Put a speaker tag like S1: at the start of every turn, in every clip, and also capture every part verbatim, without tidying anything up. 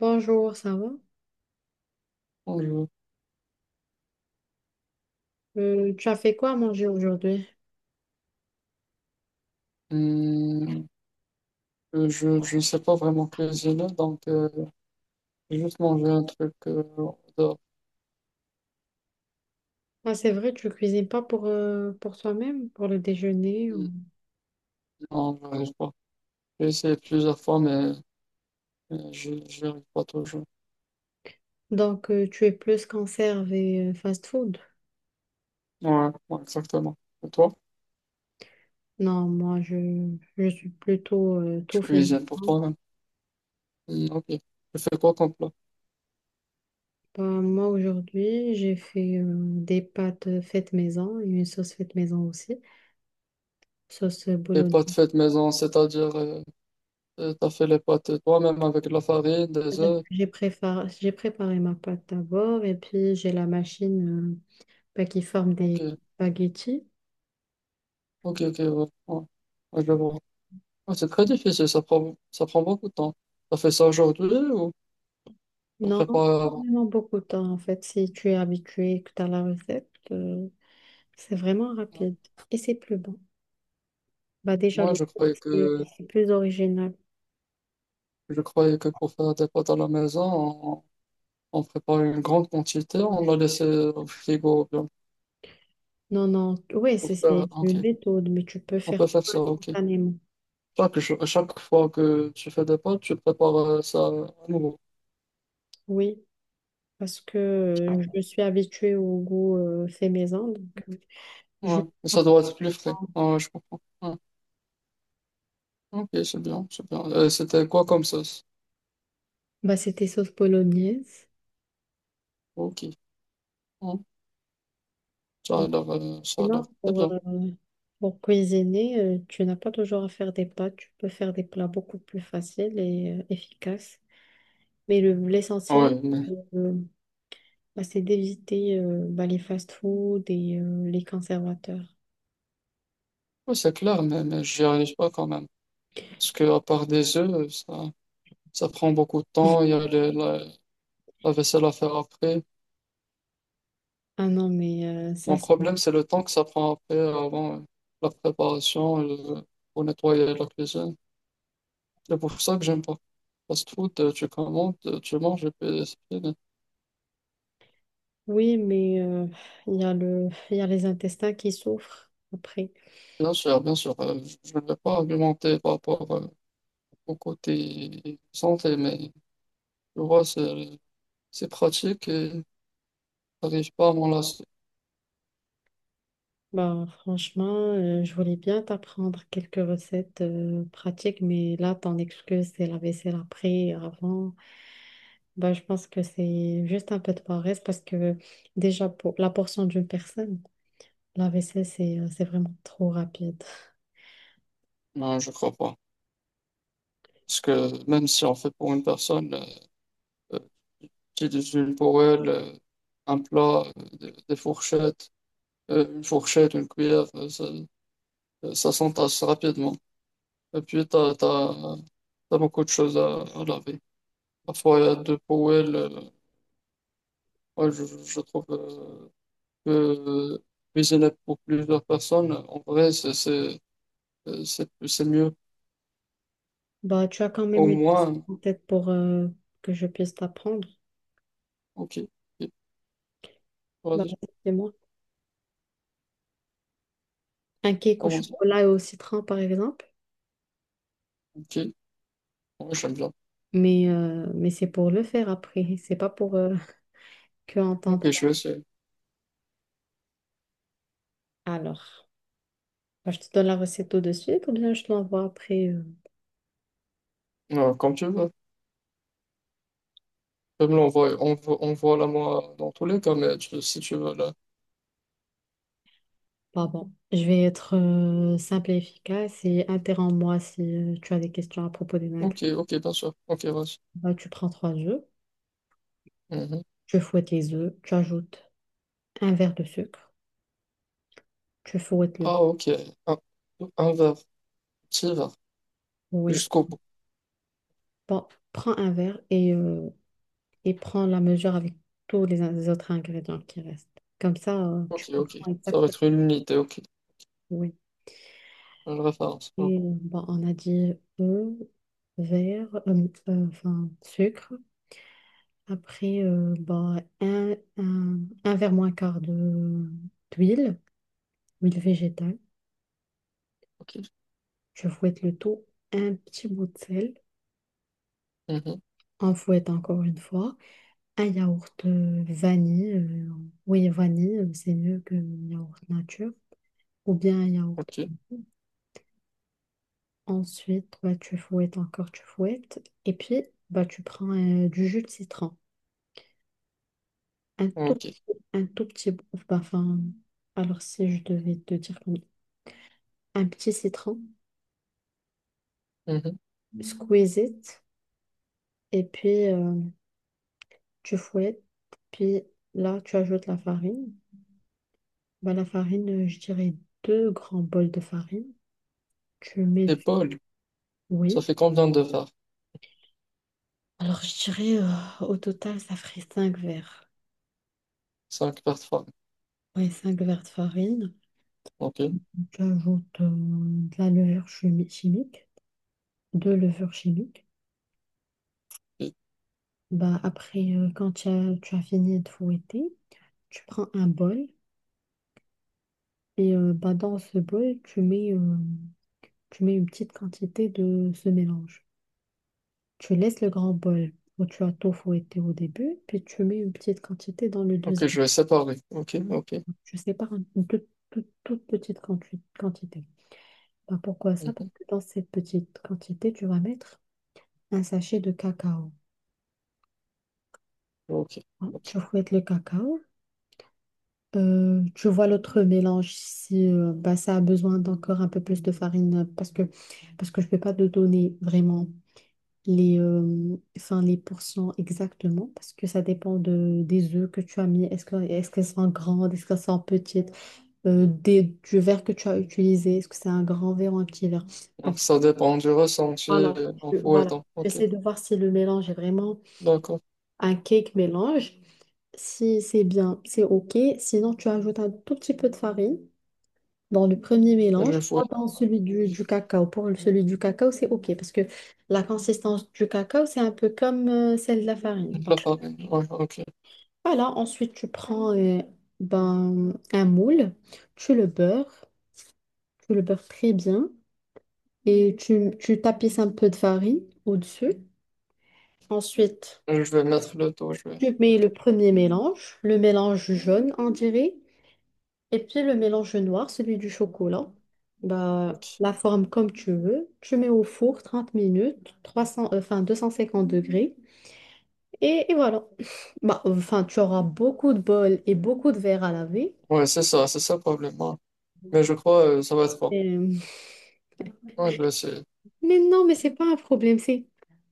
S1: Bonjour, ça va?
S2: Je,
S1: Euh, tu as fait quoi à manger aujourd'hui?
S2: hum, je, je sais pas vraiment cuisiner, donc euh, j'ai juste manger un truc euh, dehors.
S1: Ah, c'est vrai, tu cuisines pas pour, euh, pour toi-même, pour le déjeuner. ou-
S2: Non, j'arrive pas. J'ai essayé plusieurs fois, mais, mais j'y j'y arrive pas toujours.
S1: Donc, euh, tu es plus conserve et euh, fast-food.
S2: Ouais, ouais, exactement. Et toi,
S1: Non, moi, je, je suis plutôt euh,
S2: tu
S1: tout fait
S2: cuisines pour
S1: maison.
S2: toi-même. Hum, ok. Tu fais quoi comme plat?
S1: Bah, moi, aujourd'hui, j'ai fait euh, des pâtes faites maison et une sauce faite maison aussi, sauce
S2: Les pâtes
S1: bolognaise.
S2: faites maison, c'est-à-dire euh, euh, t'as fait les pâtes toi-même avec de la farine, des
S1: C'est-à-dire
S2: œufs.
S1: que J'ai préparé, j'ai préparé ma pâte d'abord et puis j'ai la machine euh, bah, qui forme
S2: Ok,
S1: des spaghettis.
S2: ok, ok, ouais, ouais. Ouais, je vois. Ouais, c'est très difficile, ça prend, ça prend beaucoup de temps. T'as fait ça aujourd'hui ou
S1: Non,
S2: se
S1: pas
S2: prépare?
S1: vraiment beaucoup de temps en fait. Si tu es habitué et que tu as la recette, euh, c'est vraiment rapide et c'est plus bon. Bah déjà,
S2: Moi,
S1: le
S2: je
S1: goût,
S2: croyais
S1: c'est
S2: que,
S1: c'est plus original.
S2: je croyais que pour faire des pâtes à la maison, on, on prépare une grande quantité, on la laisse au frigo bien.
S1: Non, non, oui, c'est
S2: Pour faire,
S1: c'est
S2: ah, ok,
S1: une méthode, mais tu peux
S2: on peut
S1: faire tout
S2: faire ça, ok.
S1: instantanément.
S2: Chaque, jour- chaque fois que tu fais des pâtes, tu prépares euh, ça à nouveau.
S1: Oui, parce que euh, je suis habituée au goût euh, fait maison, donc euh,
S2: Ouais.
S1: je
S2: Et ça
S1: apprends.
S2: doit être plus frais. Ouais, je comprends. Ouais. Ok, c'est bien, c'est bien. Euh, c'était quoi comme sauce?
S1: Bah, c'était sauce bolognaise.
S2: Ok. Ouais. Ça a l'air, euh, ça a l'air
S1: Sinon,
S2: très
S1: pour, euh,
S2: bien.
S1: pour cuisiner, euh, tu n'as pas toujours à faire des pâtes. Tu peux faire des plats beaucoup plus faciles et euh, efficaces. Mais le, l'essentiel,
S2: Ouais, mais,
S1: euh, bah, c'est d'éviter euh, bah, les fast-foods et euh, les conservateurs.
S2: ouais, c'est clair, mais, mais j'y arrive pas quand même. Parce que à part des œufs, ça. Ça prend beaucoup de temps. Il y a les- la, la vaisselle à faire après.
S1: Ah non, mais euh, ça,
S2: Mon
S1: c'est.
S2: problème, c'est le temps que ça prend après, avant euh, la préparation, euh, pour nettoyer la cuisine. C'est pour ça que j'aime pas. Fast food, euh, tu commandes, euh, tu manges et puis c'est fini.
S1: Oui, mais euh, il y a le... il y a les intestins qui souffrent après.
S2: Bien sûr, bien sûr. euh, je je ne vais pas argumenter par rapport euh, au côté santé, mais tu vois, c'est c'est pratique et j'arrive pas à m'en lasser.
S1: Bah, franchement, euh, je voulais bien t'apprendre quelques recettes euh, pratiques, mais là, ton excuse, c'est la vaisselle après, avant. Bah, je pense que c'est juste un peu de paresse parce que déjà, pour la portion d'une personne, la vaisselle, c'est euh, c'est vraiment trop rapide.
S2: Non, je crois pas. Parce que même si on fait pour une personne, euh, j'ai des huiles pour elle, euh, un plat, euh, des, des fourchettes, euh, une fourchette, une cuillère, euh, ça, euh, ça s'entasse rapidement. Et puis, t'as, t'as, t'as beaucoup de choses à, à laver. Parfois, il y a deux poêles. euh, moi, je, je je trouve euh, que euh, cuisiner pour plusieurs personnes, en vrai, c'est, c'est, euh, c'est c'est mieux.
S1: Bah, tu as quand même
S2: Au
S1: une recette
S2: moins,
S1: en tête pour euh, que je puisse t'apprendre.
S2: ok, ok,
S1: Bah,
S2: vas-y,
S1: c'est moi. Un cake au
S2: comment ça?
S1: chocolat et au citron, par exemple.
S2: Ok, ouais, j'aime bien.
S1: Mais, euh, mais c'est pour le faire après, c'est pas pour euh, que
S2: Ok,
S1: entendre.
S2: je vais essayer.
S1: Alors. Bah, je te donne la recette tout de suite ou bien je te l'envoie après. euh.
S2: Euh, comme tu veux. Je là, on voit, on voit, la moi dans tous les cas, mais tu- si tu veux là.
S1: Bah bon, je vais être euh, simple et efficace et interromps-moi si euh, tu as des questions à propos des magrets.
S2: Ok, ok, bien sûr. Ok, vas-y.
S1: Bah, tu prends trois œufs,
S2: Mhm.
S1: tu fouettes les œufs, tu ajoutes un verre de sucre, tu fouettes le
S2: Ah,
S1: tout.
S2: ok. Un, un verre, petit verre,
S1: Oui.
S2: jusqu'au bout.
S1: Bon, prends un verre et, euh, et prends la mesure avec tous les, in- les autres ingrédients qui restent. Comme ça, euh, tu
S2: Ok, ok.
S1: comprends
S2: Ça va
S1: exactement.
S2: être une unité, ok.
S1: Oui.
S2: Une référence. Oh,
S1: Et euh, bon, on a dit œufs, verre, euh, euh, enfin, sucre. Après, euh, bah, un, un, un verre moins quart de d'huile, huile végétale.
S2: ok.
S1: Je fouette le tout, un petit bout de sel.
S2: Mhm.
S1: On fouette encore une fois. Un yaourt euh, vanille. euh, oui, vanille, euh, c'est mieux que yaourt nature. Ou bien un yaourt.
S2: Ok,
S1: Bon. Ensuite, bah, tu fouettes encore, tu fouettes. Et puis, bah, tu prends euh, du jus de citron. Un tout
S2: ok.
S1: petit, un tout petit bout. bah, Enfin, alors si je devais te dire comme un petit citron.
S2: Mhm.
S1: Squeeze it, et puis euh, tu fouettes, puis là tu ajoutes la farine. Bah, la farine, euh, je dirais deux grands bols de farine. Tu mets du.
S2: Épaule, ça
S1: Oui.
S2: fait combien de verres?
S1: Alors je dirais euh, au total ça ferait cinq verres.
S2: Cinq par trois.
S1: Oui, cinq verres de farine.
S2: Ok.
S1: Tu ajoutes euh, de la levure chimi- chimique, deux levures chimiques.
S2: Ok,
S1: Bah, après, euh, quand tu as, tu as fini de fouetter, tu prends un bol et euh, bah, dans ce bol, tu mets... euh, Tu mets une petite quantité de ce mélange. Tu laisses le grand bol où tu as tout fouetté au début, puis tu mets une petite quantité dans le deuxième
S2: ok, je vais séparer. Ok, ok.
S1: bol. Tu sépares un- une toute, toute- toute petite quanti- quantité. Ben, pourquoi ça? Parce
S2: Mhm.
S1: que dans cette petite quantité, tu vas mettre un sachet de cacao.
S2: Ok,
S1: Hein,
S2: ok.
S1: tu fouettes le cacao. Euh, tu vois l'autre mélange si euh, ben, ça a besoin d'encore un peu plus de farine parce que, parce que je ne peux pas te donner vraiment les, euh, enfin, les pourcents exactement, parce que ça dépend de, des œufs que tu as mis. Est-ce que, est-ce qu'elles sont grandes, est-ce qu'elles sont petites, euh, des, du verre que tu as utilisé, est-ce que c'est un grand verre ou un petit verre.
S2: Donc,
S1: Donc
S2: ça dépend du ressenti
S1: voilà,
S2: euh, en
S1: je- voilà.
S2: fouettant. Ok,
S1: J'essaie de voir si le mélange est vraiment
S2: d'accord.
S1: un cake mélange. Si c'est bien, c'est OK. Sinon, tu ajoutes un tout petit peu de farine dans le premier
S2: Je
S1: mélange, pas
S2: fouette.
S1: dans celui du, du cacao. Pour celui du cacao, c'est OK parce que la consistance du cacao, c'est un peu comme euh, celle de la farine.
S2: La
S1: Donc
S2: farine, ouais, ok.
S1: voilà, ensuite tu prends euh, ben, un moule, tu le beurres, tu le beurres très bien et tu, tu tapisses un peu de farine au-dessus. Ensuite,
S2: Euh, je vais mettre le dos, je vais.
S1: tu mets
S2: Ok,
S1: le premier mélange, le mélange jaune, on dirait. Et puis le mélange noir, celui du chocolat, bah,
S2: ok.
S1: la forme comme tu veux. Tu mets au four trente minutes, trois cents, euh, enfin deux cent cinquante degrés. Et, et voilà. Bah, enfin, tu auras beaucoup de bols et beaucoup de verres à laver.
S2: Ouais, c'est ça, c'est ça le problème, ouais. Mais je crois euh, ça va être bon.
S1: Et-
S2: Ouais, je vais essayer.
S1: Mais non, mais c'est pas un problème. C'est.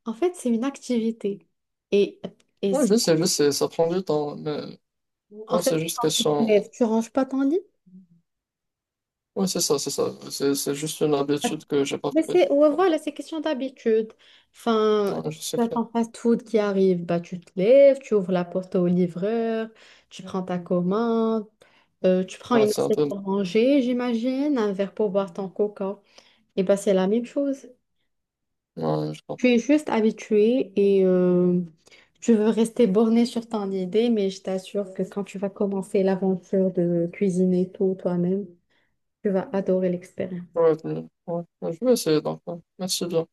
S1: En fait, c'est une activité. Et, et
S2: Ouais,
S1: si-
S2: je sais, je sais, ça prend du temps. Mais
S1: En
S2: ouais, c'est
S1: fait,
S2: juste
S1: tu te
S2: question.
S1: lèves, tu ranges pas ton lit.
S2: Ouais, c'est ça, c'est ça. C'est c'est juste une habitude que j'ai pas
S1: Mais
S2: prise.
S1: c'est, ouais,
S2: Ouais,
S1: voilà, c'est question d'habitude. Enfin,
S2: ouais, je sais
S1: tu as
S2: clair.
S1: ton fast-food qui arrive, bah, tu te lèves, tu ouvres la porte au livreur, tu prends ta commande, euh, tu prends
S2: Ouais,
S1: une
S2: c'est un
S1: assiette
S2: peu.
S1: pour manger, j'imagine, un verre pour boire ton coca. Et bah, c'est la même chose.
S2: Ouais, je
S1: Tu
S2: comprends.
S1: es juste habitué et euh, tu veux rester borné sur ton idée, mais je t'assure que quand tu vas commencer l'aventure de cuisiner tout toi-même, tu vas adorer l'expérience.
S2: Ouais, mais- ouais, mais je vais essayer donc, ouais. Merci bien.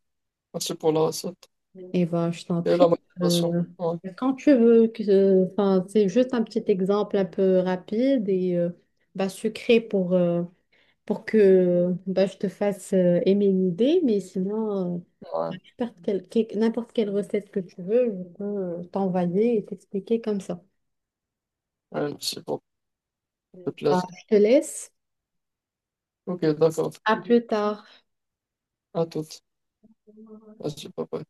S2: Merci pour la recette
S1: Eh ben, je t'en
S2: et
S1: prie.
S2: la motivation.
S1: euh,
S2: Ouais,
S1: quand tu veux, que, enfin, c'est juste un petit exemple un peu rapide et euh, bah, sucré pour, euh, pour que bah, je te fasse euh, aimer une idée, mais sinon, euh,
S2: ouais.
S1: tu perds quel- quel- n'importe quelle recette que tu veux, je peux euh, t'envoyer et t'expliquer comme ça.
S2: Ouais, merci beaucoup. Ça fait
S1: Bah,
S2: plaisir.
S1: je te laisse.
S2: Ok, d'accord.
S1: À plus tard.
S2: À toutes. Vas-y, bye bye.